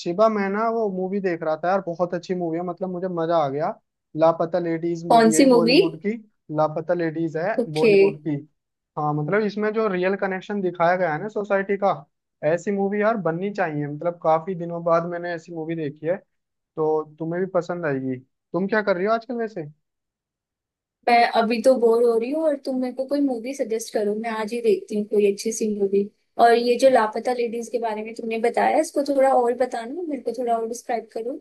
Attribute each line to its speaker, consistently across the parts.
Speaker 1: शिवा, मैं ना वो मूवी देख रहा था यार। बहुत अच्छी मूवी है, मतलब मुझे मजा आ गया। लापता लेडीज मूवी
Speaker 2: कौन
Speaker 1: है
Speaker 2: सी मूवी?
Speaker 1: बॉलीवुड की। लापता लेडीज है
Speaker 2: ओके।
Speaker 1: बॉलीवुड की। हाँ, मतलब इसमें जो रियल कनेक्शन दिखाया गया है ना सोसाइटी का। ऐसी मूवी यार बननी चाहिए, मतलब काफी दिनों बाद मैंने ऐसी मूवी देखी है। तो तुम्हें भी पसंद आएगी। तुम क्या कर रही हो आजकल वैसे?
Speaker 2: मैं अभी तो बोर हो रही हूँ और तुम मेरे को कोई मूवी सजेस्ट करो। मैं आज ही देखती हूँ कोई अच्छी सी मूवी। और ये जो लापता लेडीज के बारे में तुमने बताया, इसको थोड़ा और बताना, मेरे को थोड़ा और डिस्क्राइब करो।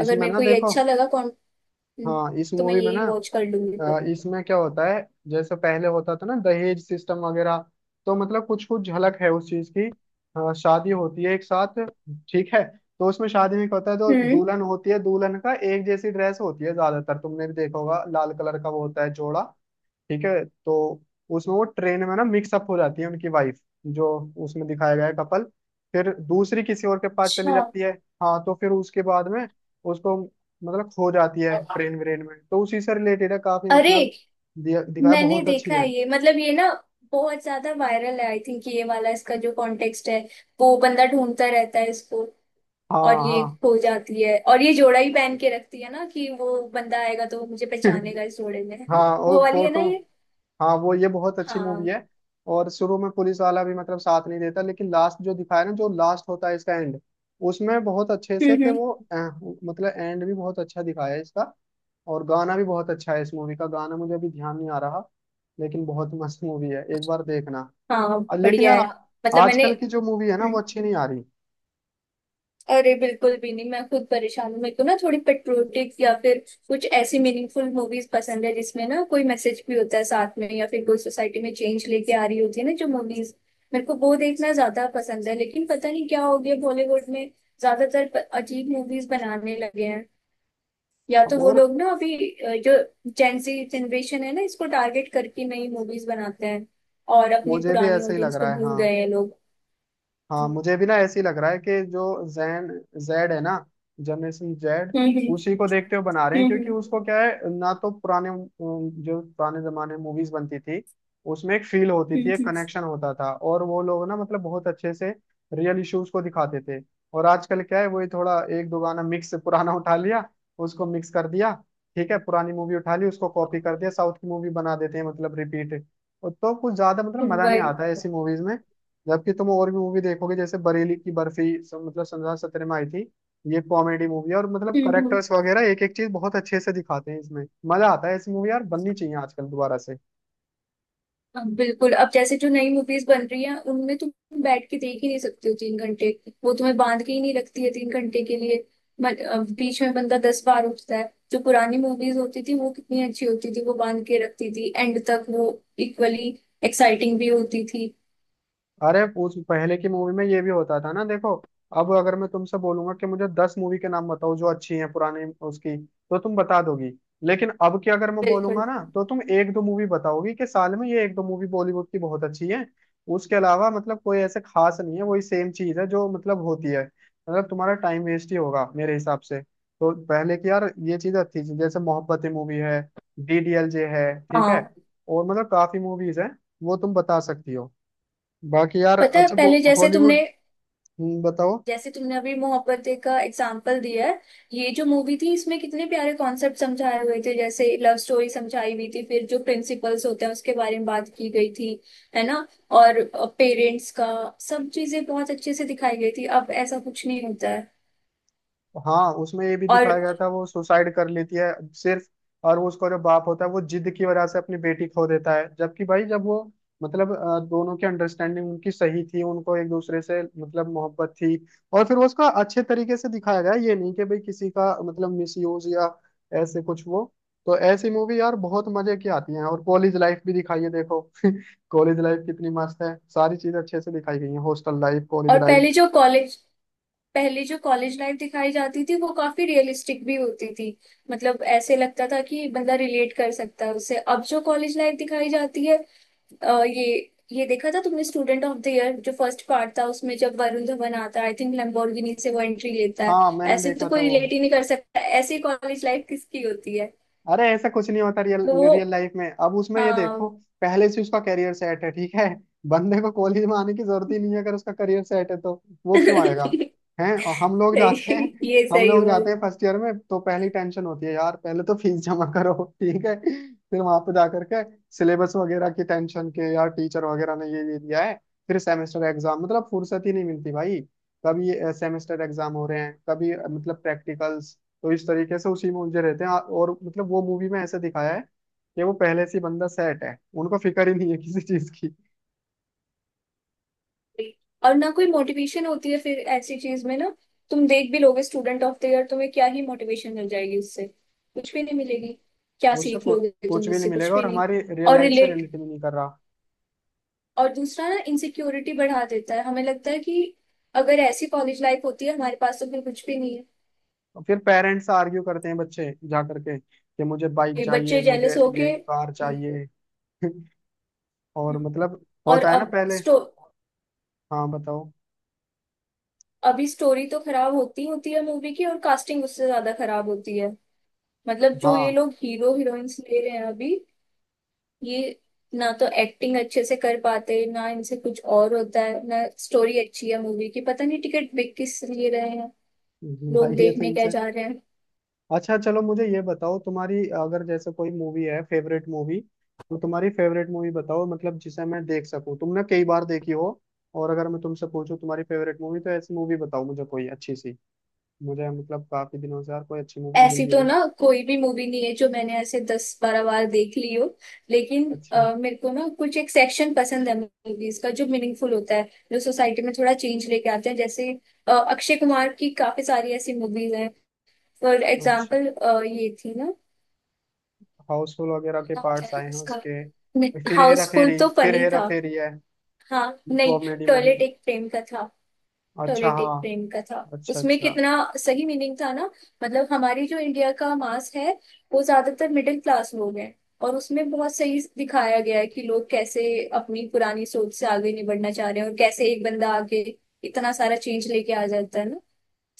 Speaker 2: अगर
Speaker 1: इसमें
Speaker 2: मेरे
Speaker 1: ना
Speaker 2: को ये
Speaker 1: देखो।
Speaker 2: अच्छा लगा कौन,
Speaker 1: हाँ, इस
Speaker 2: तो मैं
Speaker 1: मूवी में ना
Speaker 2: यही वॉच कर लूंगी फिर।
Speaker 1: इसमें क्या होता है, जैसे पहले होता था ना दहेज सिस्टम वगैरह, तो मतलब कुछ कुछ झलक है उस चीज की। शादी होती है एक साथ। ठीक है, तो उसमें शादी में क्या होता है, जो
Speaker 2: हम्म।
Speaker 1: दुल्हन होती है दुल्हन का एक जैसी ड्रेस होती है ज्यादातर, तुमने भी देखा होगा लाल कलर का वो होता है जोड़ा। ठीक है तो उसमें वो ट्रेन में ना मिक्सअप हो जाती है उनकी वाइफ जो उसमें दिखाया गया है कपल। फिर दूसरी किसी और के पास चली
Speaker 2: अच्छा।
Speaker 1: जाती है। हाँ, तो फिर उसके बाद में उसको मतलब खो जाती है ट्रेन व्रेन में, तो उसी से रिलेटेड है काफी
Speaker 2: अरे,
Speaker 1: मतलब। दिखाया,
Speaker 2: मैंने
Speaker 1: बहुत अच्छी
Speaker 2: देखा है
Speaker 1: है।
Speaker 2: ये। मतलब ये ना बहुत ज्यादा वायरल है आई थिंक। ये वाला इसका जो कॉन्टेक्स्ट है, वो बंदा ढूंढता रहता है इसको।
Speaker 1: हाँ
Speaker 2: और ये
Speaker 1: हाँ।
Speaker 2: खो जाती है, और ये जोड़ा ही पहन के रखती है ना, कि वो बंदा आएगा तो वो मुझे पहचानेगा इस जोड़े में, है ना?
Speaker 1: हाँ, और
Speaker 2: वो वाली है ना
Speaker 1: फोटो।
Speaker 2: ये।
Speaker 1: हाँ, वो ये बहुत अच्छी मूवी
Speaker 2: हाँ।
Speaker 1: है। और शुरू में पुलिस वाला भी मतलब साथ नहीं देता, लेकिन लास्ट जो दिखाया ना, जो लास्ट होता है इसका एंड, उसमें बहुत अच्छे से
Speaker 2: हम्म।
Speaker 1: कि
Speaker 2: हम्म।
Speaker 1: वो मतलब एंड भी बहुत अच्छा दिखाया है इसका। और गाना भी बहुत अच्छा है इस मूवी का, गाना मुझे अभी ध्यान नहीं आ रहा, लेकिन बहुत मस्त मूवी है, एक बार देखना।
Speaker 2: हाँ,
Speaker 1: और लेकिन
Speaker 2: बढ़िया
Speaker 1: यार
Speaker 2: है। मतलब मैंने।
Speaker 1: आजकल की जो मूवी है ना वो
Speaker 2: हम्म,
Speaker 1: अच्छी नहीं आ रही।
Speaker 2: अरे बिल्कुल भी नहीं। मैं खुद परेशान हूँ। मेरे को ना थोड़ी पेट्रियोटिक या फिर कुछ ऐसी मीनिंगफुल मूवीज पसंद है, जिसमें ना कोई मैसेज भी होता है साथ में, या फिर कोई सोसाइटी में चेंज लेके आ रही होती है ना। जो मूवीज, मेरे को वो देखना ज्यादा पसंद है। लेकिन पता नहीं क्या हो गया बॉलीवुड में, ज्यादातर अजीब मूवीज बनाने लगे हैं। या
Speaker 1: अब
Speaker 2: तो वो
Speaker 1: और
Speaker 2: लोग ना अभी जो जेंजी जनरेशन है ना, इसको टारगेट करके नई मूवीज बनाते हैं। और अपनी
Speaker 1: मुझे भी
Speaker 2: पुरानी
Speaker 1: ऐसा ही लग
Speaker 2: ऑडियंस को
Speaker 1: रहा है
Speaker 2: भूल
Speaker 1: हाँ।
Speaker 2: गए हैं लोग।
Speaker 1: हाँ,
Speaker 2: हम्म।
Speaker 1: मुझे भी ना ऐसे ही लग रहा है कि जो जैन जेड है ना, जनरेशन जेड,
Speaker 2: हम्म।
Speaker 1: उसी को देखते हुए बना रहे हैं, क्योंकि
Speaker 2: हम्म।
Speaker 1: उसको क्या है ना। तो पुराने जो पुराने जमाने में मूवीज बनती थी उसमें एक फील होती थी,
Speaker 2: हम्म।
Speaker 1: एक कनेक्शन होता था, और वो लोग ना मतलब बहुत अच्छे से रियल इश्यूज को दिखाते थे। और आजकल क्या है, वही थोड़ा एक दो गाना मिक्स पुराना उठा लिया, उसको मिक्स कर दिया। ठीक है, पुरानी मूवी उठा ली, उसको कॉपी कर दिया, साउथ की मूवी बना देते हैं, मतलब रिपीट। तो कुछ ज्यादा मतलब मजा नहीं
Speaker 2: वही।
Speaker 1: आता है ऐसी मूवीज में। जबकि तुम और भी मूवी देखोगे जैसे बरेली की बर्फी, मतलब सन 2017 में आई थी। ये कॉमेडी मूवी है, और मतलब
Speaker 2: हम्म। हम्म।
Speaker 1: करेक्टर्स वगैरह एक एक चीज बहुत अच्छे से दिखाते हैं इसमें। मजा आता है। ऐसी मूवी यार बननी चाहिए आजकल दोबारा से।
Speaker 2: अब बिल्कुल। अब जैसे जो नई मूवीज बन रही हैं, उनमें तुम बैठ के देख ही नहीं सकते हो 3 घंटे। वो तुम्हें बांध के ही नहीं रखती है 3 घंटे के लिए। बीच में बंदा 10 बार उठता है। जो पुरानी मूवीज होती थी वो कितनी अच्छी होती थी, वो बांध के रखती थी एंड तक। वो इक्वली एक्साइटिंग भी होती थी।
Speaker 1: अरे उस पहले की मूवी में ये भी होता था ना, देखो अब अगर मैं तुमसे बोलूंगा कि मुझे दस मूवी के नाम बताओ जो अच्छी हैं पुरानी, उसकी तो तुम बता दोगी। लेकिन अब की अगर मैं
Speaker 2: बिल्कुल।
Speaker 1: बोलूंगा ना, तो तुम एक दो मूवी बताओगी कि साल में ये एक दो मूवी बॉलीवुड की बहुत अच्छी है। उसके अलावा मतलब कोई ऐसे खास नहीं है, वही सेम चीज है जो मतलब होती है। मतलब तुम्हारा टाइम वेस्ट ही होगा मेरे हिसाब से। तो पहले की यार ये चीज अच्छी थी, जैसे मोहब्बतें मूवी है, डीडीएलजे है। ठीक है,
Speaker 2: हाँ।
Speaker 1: और मतलब काफी मूवीज हैं, वो तुम बता सकती हो। बाकी यार,
Speaker 2: पता है
Speaker 1: अच्छा वो
Speaker 2: पहले जैसे तुमने
Speaker 1: हॉलीवुड। बताओ।
Speaker 2: जैसे तुमने अभी मोहब्बतें का एग्जाम्पल दिया है। ये जो मूवी थी, इसमें कितने प्यारे कॉन्सेप्ट समझाए हुए थे। जैसे लव स्टोरी समझाई हुई थी, फिर जो प्रिंसिपल्स होते हैं उसके बारे में बात की गई थी, है ना। और पेरेंट्स का, सब चीजें बहुत अच्छे से दिखाई गई थी। अब ऐसा कुछ नहीं होता है।
Speaker 1: हाँ, उसमें ये भी
Speaker 2: और
Speaker 1: दिखाया गया था वो सुसाइड कर लेती है सिर्फ, और वो उसका जो बाप होता है वो जिद की वजह से अपनी बेटी खो देता है, जबकि भाई जब वो मतलब दोनों की अंडरस्टैंडिंग उनकी सही थी, उनको एक दूसरे से मतलब मोहब्बत थी। और फिर वो उसका अच्छे तरीके से दिखाया गया, ये नहीं कि भाई किसी का मतलब मिसयूज या ऐसे कुछ वो। तो ऐसी मूवी यार बहुत मजे की आती हैं, और कॉलेज लाइफ भी दिखाई है देखो। कॉलेज लाइफ कितनी मस्त है, सारी चीज अच्छे से दिखाई गई है, हॉस्टल लाइफ, कॉलेज
Speaker 2: और
Speaker 1: लाइफ।
Speaker 2: पहले जो कॉलेज लाइफ दिखाई जाती थी वो काफी रियलिस्टिक भी होती थी। मतलब ऐसे लगता था कि बंदा रिलेट कर सकता है उससे। अब जो कॉलेज लाइफ दिखाई जाती है, अ, ये ये देखा था तुमने स्टूडेंट ऑफ द ईयर? जो फर्स्ट पार्ट था, उसमें जब वरुण धवन आता है, आई थिंक लैम्बोर्गिनी से वो एंट्री लेता है।
Speaker 1: हाँ, मैंने
Speaker 2: ऐसे तो
Speaker 1: देखा था
Speaker 2: कोई
Speaker 1: वो।
Speaker 2: रिलेट ही नहीं कर सकता, ऐसी कॉलेज लाइफ किसकी होती है?
Speaker 1: अरे ऐसा कुछ नहीं होता रियल,
Speaker 2: तो वो।
Speaker 1: रियल लाइफ में। अब उसमें ये देखो,
Speaker 2: हाँ,
Speaker 1: पहले से उसका करियर सेट है। ठीक है, बंदे को कॉलेज में आने की जरूरत ही नहीं है, अगर उसका करियर सेट है तो वो क्यों आएगा?
Speaker 2: सही।
Speaker 1: हैं, और हम लोग जाते हैं,
Speaker 2: ये
Speaker 1: हम
Speaker 2: सही
Speaker 1: लोग
Speaker 2: हुआ।
Speaker 1: जाते हैं फर्स्ट ईयर में, तो पहली टेंशन होती है यार पहले तो फीस जमा करो। ठीक है, फिर वहां पे जाकर के सिलेबस वगैरह की टेंशन के यार टीचर वगैरह ने ये दिया है। फिर सेमेस्टर एग्जाम, मतलब फुर्सत ही नहीं मिलती भाई। कभी सेमेस्टर एग्जाम हो रहे हैं, कभी मतलब प्रैक्टिकल्स। तो इस तरीके से उसी में उलझे रहते हैं। और मतलब वो मूवी में ऐसे दिखाया है कि वो पहले से ही बंदा सेट है, उनको फिक्र ही नहीं है किसी चीज की।
Speaker 2: और ना कोई मोटिवेशन होती है फिर ऐसी चीज में ना। तुम देख भी लोगे स्टूडेंट ऑफ द ईयर, तुम्हें क्या ही मोटिवेशन मिल जाएगी उससे? कुछ भी नहीं मिलेगी। क्या
Speaker 1: उससे
Speaker 2: सीख लोगे
Speaker 1: कुछ
Speaker 2: तुम
Speaker 1: भी नहीं
Speaker 2: उससे? कुछ
Speaker 1: मिलेगा,
Speaker 2: भी
Speaker 1: और
Speaker 2: नहीं।
Speaker 1: हमारी रियल
Speaker 2: और
Speaker 1: लाइफ से
Speaker 2: रिलेट।
Speaker 1: रिलेट भी नहीं कर रहा।
Speaker 2: और दूसरा ना, इनसिक्योरिटी बढ़ा देता है, हमें लगता है कि अगर ऐसी कॉलेज लाइफ होती है हमारे पास तो फिर कुछ भी नहीं है।
Speaker 1: और फिर पेरेंट्स से आर्ग्यू करते हैं बच्चे जा करके कि मुझे बाइक
Speaker 2: ये
Speaker 1: चाहिए,
Speaker 2: बच्चे
Speaker 1: मुझे
Speaker 2: जेलस होके।
Speaker 1: ये कार
Speaker 2: हम्म।
Speaker 1: चाहिए। और
Speaker 2: हम्म।
Speaker 1: मतलब
Speaker 2: और
Speaker 1: होता है ना
Speaker 2: अब
Speaker 1: पहले।
Speaker 2: स्टो
Speaker 1: हाँ, बताओ।
Speaker 2: अभी स्टोरी तो खराब होती होती है मूवी की, और कास्टिंग उससे ज्यादा खराब होती है। मतलब जो ये
Speaker 1: हाँ।
Speaker 2: लोग हीरो हीरोइंस ले रहे हैं अभी, ये ना तो एक्टिंग अच्छे से कर पाते, ना इनसे कुछ और होता है, ना स्टोरी अच्छी है मूवी की। पता नहीं टिकट बिक किस लिए रहे हैं,
Speaker 1: भाई,
Speaker 2: लोग
Speaker 1: ये तो
Speaker 2: देखने क्या
Speaker 1: इनसे।
Speaker 2: जा रहे हैं।
Speaker 1: अच्छा चलो, मुझे ये बताओ तुम्हारी अगर जैसे कोई मूवी है फेवरेट मूवी, तो तुम्हारी फेवरेट मूवी बताओ मतलब, जिसे मैं देख सकूं, तुमने कई बार देखी हो। और अगर मैं तुमसे पूछूं तुम्हारी फेवरेट मूवी, तो ऐसी मूवी बताओ मुझे कोई अच्छी सी। मुझे मतलब काफी दिनों से यार कोई अच्छी मूवी मिल
Speaker 2: ऐसी
Speaker 1: नहीं
Speaker 2: तो
Speaker 1: रही।
Speaker 2: ना कोई भी मूवी नहीं है जो मैंने ऐसे 10-12 बार देख ली हो। लेकिन
Speaker 1: अच्छा।
Speaker 2: मेरे को ना कुछ एक सेक्शन पसंद है मूवीज का, जो मीनिंगफुल होता है, जो सोसाइटी में थोड़ा चेंज लेके आते हैं। जैसे अक्षय कुमार की काफी सारी ऐसी मूवीज हैं। फॉर
Speaker 1: अच्छा,
Speaker 2: एग्जाम्पल, ये थी ना।
Speaker 1: हाउसफुल वगैरह के
Speaker 2: क्या होता
Speaker 1: पार्ट्स
Speaker 2: है
Speaker 1: आए हैं
Speaker 2: उसका?
Speaker 1: उसके, फिर हेरा
Speaker 2: हाउसफुल
Speaker 1: फेरी,
Speaker 2: तो
Speaker 1: फिर
Speaker 2: फनी
Speaker 1: हेरा
Speaker 2: था।
Speaker 1: फेरी है,
Speaker 2: हाँ, नहीं।
Speaker 1: Comedy movie.
Speaker 2: Toilet Ek Prem का था।
Speaker 1: अच्छा
Speaker 2: टॉयलेटिक
Speaker 1: हाँ।
Speaker 2: प्रेम का था,
Speaker 1: अच्छा
Speaker 2: उसमें
Speaker 1: अच्छा।
Speaker 2: कितना सही मीनिंग था ना। मतलब हमारी जो इंडिया का मास है, वो ज्यादातर मिडिल क्लास लोग हैं। और उसमें बहुत सही दिखाया गया है कि लोग कैसे अपनी पुरानी सोच से आगे नहीं बढ़ना चाह रहे हैं, और कैसे एक बंदा आगे इतना सारा चेंज लेके आ जाता है ना।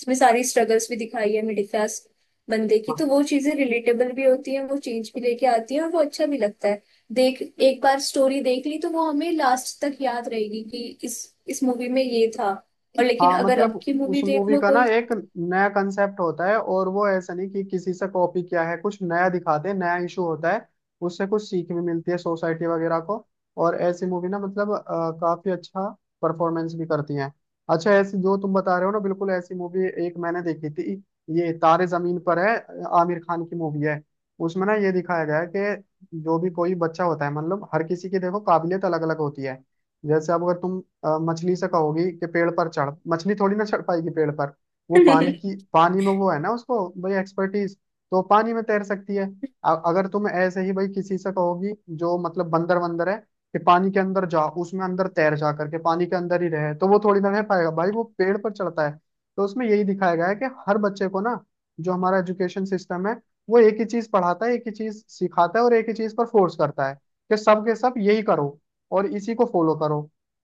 Speaker 2: इसमें सारी स्ट्रगल्स भी दिखाई है मिडिल क्लास बंदे की, तो
Speaker 1: हाँ।
Speaker 2: वो चीजें रिलेटेबल भी होती हैं, वो चेंज भी लेके आती है और वो अच्छा भी लगता है। देख, एक बार स्टोरी देख ली तो वो हमें लास्ट तक याद रहेगी कि इस मूवी में ये था। और लेकिन
Speaker 1: हाँ,
Speaker 2: अगर अब
Speaker 1: मतलब
Speaker 2: की
Speaker 1: उस
Speaker 2: मूवी देख
Speaker 1: मूवी
Speaker 2: लो
Speaker 1: का ना
Speaker 2: कोई।
Speaker 1: एक नया कंसेप्ट होता है, और वो ऐसा नहीं कि किसी से कॉपी किया है, कुछ नया दिखाते हैं, नया इशू होता है, उससे कुछ सीख भी मिलती है सोसाइटी वगैरह को। और ऐसी मूवी ना मतलब काफी अच्छा परफॉर्मेंस भी करती हैं। अच्छा, ऐसी जो तुम बता रहे हो ना, बिल्कुल ऐसी मूवी एक मैंने देखी थी, ये तारे जमीन पर है, आमिर खान की मूवी है। उसमें ना ये दिखाया गया है कि जो भी कोई बच्चा होता है, मतलब हर किसी की देखो काबिलियत अलग अलग होती है। जैसे अब अगर तुम मछली से कहोगी कि पेड़ पर चढ़, मछली थोड़ी ना चढ़ पाएगी पेड़ पर। वो पानी की, पानी में वो है ना, उसको भाई एक्सपर्टीज, तो पानी में तैर सकती है। अगर तुम ऐसे ही भाई किसी से कहोगी जो मतलब बंदर वंदर है कि पानी के अंदर जा, उसमें अंदर तैर जा करके पानी के अंदर ही रहे, तो वो थोड़ी ना रह पाएगा भाई, वो पेड़ पर चढ़ता है। तो उसमें यही दिखाया गया है कि हर बच्चे को ना, जो हमारा एजुकेशन सिस्टम है वो एक ही चीज पढ़ाता है, एक ही चीज सिखाता है, और एक ही चीज पर फोर्स करता है कि सब के सब यही करो और इसी को फॉलो करो।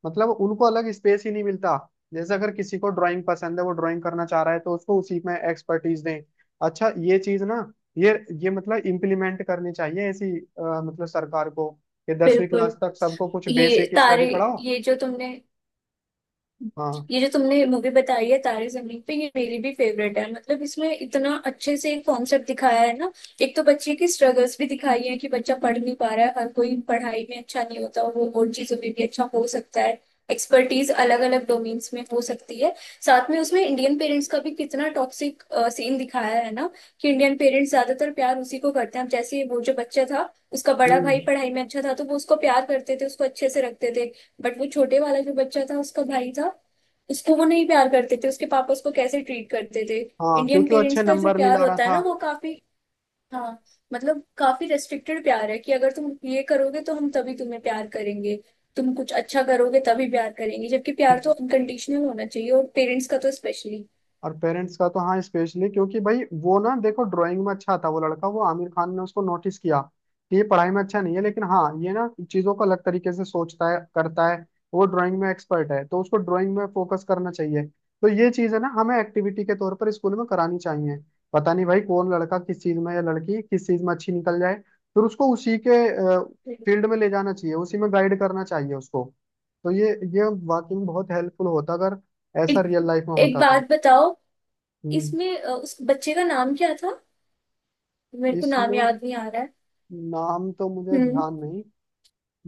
Speaker 1: मतलब उनको अलग स्पेस ही नहीं मिलता। जैसे अगर किसी को ड्राइंग पसंद है, वो ड्राइंग करना चाह रहा है, तो उसको उसी में एक्सपर्टीज दें। अच्छा ये चीज ना ये ये मतलब इम्प्लीमेंट करनी चाहिए ऐसी मतलब सरकार को, कि दसवीं क्लास
Speaker 2: बिल्कुल।
Speaker 1: तक सबको कुछ
Speaker 2: ये
Speaker 1: बेसिक स्टडी
Speaker 2: तारे
Speaker 1: पढ़ाओ।
Speaker 2: ये जो तुमने
Speaker 1: हाँ।
Speaker 2: ये जो तुमने मूवी बताई है तारे जमीन पे, ये मेरी भी फेवरेट है। मतलब इसमें इतना अच्छे से एक कॉन्सेप्ट दिखाया है ना। एक तो बच्चे की स्ट्रगल्स भी दिखाई है कि बच्चा पढ़ नहीं पा रहा है। हर कोई पढ़ाई में अच्छा नहीं होता, वो और चीजों में भी अच्छा हो सकता है। एक्सपर्टीज अलग अलग डोमेन्स में हो सकती है। साथ में उसमें इंडियन पेरेंट्स का भी कितना टॉक्सिक सीन दिखाया है ना, कि इंडियन पेरेंट्स ज्यादातर प्यार उसी को करते हैं। अब जैसे वो जो बच्चा था, उसका बड़ा
Speaker 1: हम्म।
Speaker 2: भाई पढ़ाई में अच्छा था तो वो उसको प्यार करते थे, उसको अच्छे से रखते थे। बट वो छोटे वाला जो बच्चा था, उसका भाई था, उसको वो नहीं प्यार करते थे। उसके पापा उसको कैसे ट्रीट करते थे।
Speaker 1: हाँ,
Speaker 2: इंडियन
Speaker 1: क्योंकि वो अच्छे
Speaker 2: पेरेंट्स का जो
Speaker 1: नंबर नहीं
Speaker 2: प्यार
Speaker 1: ला रहा
Speaker 2: होता है
Speaker 1: था।
Speaker 2: ना, वो काफी। हाँ, मतलब काफी रेस्ट्रिक्टेड प्यार है, कि अगर तुम ये करोगे तो हम तभी तुम्हें प्यार करेंगे। तुम कुछ अच्छा करोगे तभी प्यार करेंगे। जबकि प्यार तो अनकंडीशनल होना चाहिए, और पेरेंट्स का तो स्पेशली।
Speaker 1: और पेरेंट्स का तो हाँ स्पेशली, क्योंकि भाई वो ना देखो ड्राइंग में अच्छा था वो लड़का, वो आमिर खान ने उसको नोटिस किया कि ये पढ़ाई में अच्छा नहीं है, लेकिन हाँ ये ना चीजों को अलग तरीके से सोचता है, करता है, वो ड्राइंग में एक्सपर्ट है, तो उसको ड्राइंग में फोकस करना चाहिए। तो ये चीज है ना, हमें एक्टिविटी के तौर पर स्कूल में करानी चाहिए। पता नहीं भाई कौन लड़का किस चीज में या लड़की किस चीज में अच्छी निकल जाए, फिर उसको उसी के फील्ड में ले जाना चाहिए, उसी में गाइड करना चाहिए उसको। तो ये वाकई में बहुत हेल्पफुल होता अगर ऐसा
Speaker 2: एक
Speaker 1: रियल लाइफ में
Speaker 2: एक
Speaker 1: होता तो।
Speaker 2: बात बताओ,
Speaker 1: हम्म,
Speaker 2: इसमें उस बच्चे का नाम क्या था? मेरे को नाम
Speaker 1: इसमें
Speaker 2: याद नहीं आ रहा है।
Speaker 1: नाम तो मुझे
Speaker 2: हम्म।
Speaker 1: ध्यान नहीं,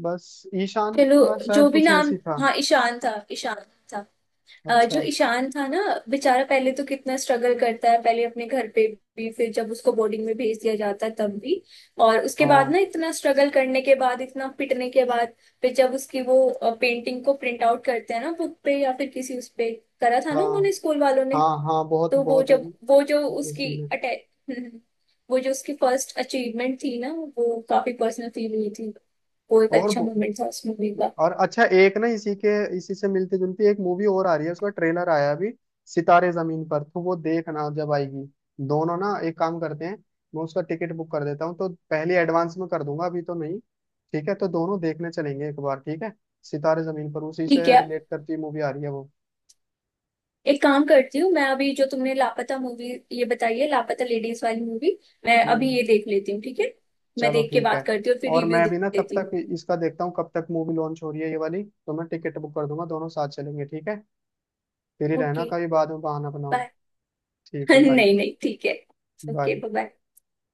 Speaker 1: बस ईशान
Speaker 2: चलो,
Speaker 1: था
Speaker 2: जो
Speaker 1: शायद,
Speaker 2: भी
Speaker 1: कुछ
Speaker 2: नाम।
Speaker 1: ऐसी था।
Speaker 2: हाँ, ईशान था। ईशान था। जो
Speaker 1: अच्छा।
Speaker 2: ईशान था ना, बेचारा पहले तो कितना स्ट्रगल करता है, पहले अपने घर पे भी, फिर जब उसको बोर्डिंग में भेज दिया जाता है तब भी। और उसके बाद
Speaker 1: हाँ
Speaker 2: ना, इतना स्ट्रगल करने के बाद, इतना पिटने के बाद, फिर जब उसकी वो पेंटिंग को प्रिंट आउट करते हैं ना, बुक पे या फिर किसी उस पे, करा था ना
Speaker 1: हाँ।
Speaker 2: उन्होंने, स्कूल वालों ने।
Speaker 1: हाँ हाँ बहुत
Speaker 2: तो वो,
Speaker 1: बहुत
Speaker 2: जब वो जो
Speaker 1: वो
Speaker 2: उसकी
Speaker 1: सीन है।
Speaker 2: अटैच वो जो उसकी फर्स्ट अचीवमेंट थी ना, वो काफी पर्सनल फील हुई थी। वो एक
Speaker 1: और
Speaker 2: अच्छा मोमेंट था उस मूवी का।
Speaker 1: और अच्छा, एक ना इसी के, इसी से मिलती जुलती एक मूवी और आ रही है, उसका ट्रेलर आया अभी, सितारे जमीन पर, तो वो देखना जब आएगी। दोनों ना एक काम करते हैं, मैं उसका टिकट बुक कर देता हूँ, तो पहले एडवांस में कर दूंगा, अभी तो नहीं। ठीक है तो दोनों देखने चलेंगे एक बार, ठीक है। सितारे जमीन पर, उसी
Speaker 2: ठीक
Speaker 1: से
Speaker 2: है,
Speaker 1: रिलेट करती मूवी आ रही है वो।
Speaker 2: एक काम करती हूँ, मैं अभी जो तुमने लापता मूवी ये बताई है, लापता लेडीज वाली मूवी, मैं अभी
Speaker 1: हम्म,
Speaker 2: ये देख लेती हूँ, ठीक है। मैं
Speaker 1: चलो
Speaker 2: देख के
Speaker 1: ठीक
Speaker 2: बात
Speaker 1: है।
Speaker 2: करती हूँ और फिर
Speaker 1: और
Speaker 2: रिव्यू
Speaker 1: मैं
Speaker 2: दे
Speaker 1: भी ना तब
Speaker 2: देती हूँ।
Speaker 1: तक इसका देखता हूँ, कब तक मूवी लॉन्च हो रही है ये वाली, तो मैं टिकट बुक कर दूंगा, दोनों साथ चलेंगे, ठीक है। फिर ही रहना,
Speaker 2: ओके,
Speaker 1: कभी बाद में बहाना बनाओ।
Speaker 2: बाय।
Speaker 1: ठीक है बाय।
Speaker 2: नहीं, नहीं, ठीक है। Okay,
Speaker 1: bye.
Speaker 2: बाय।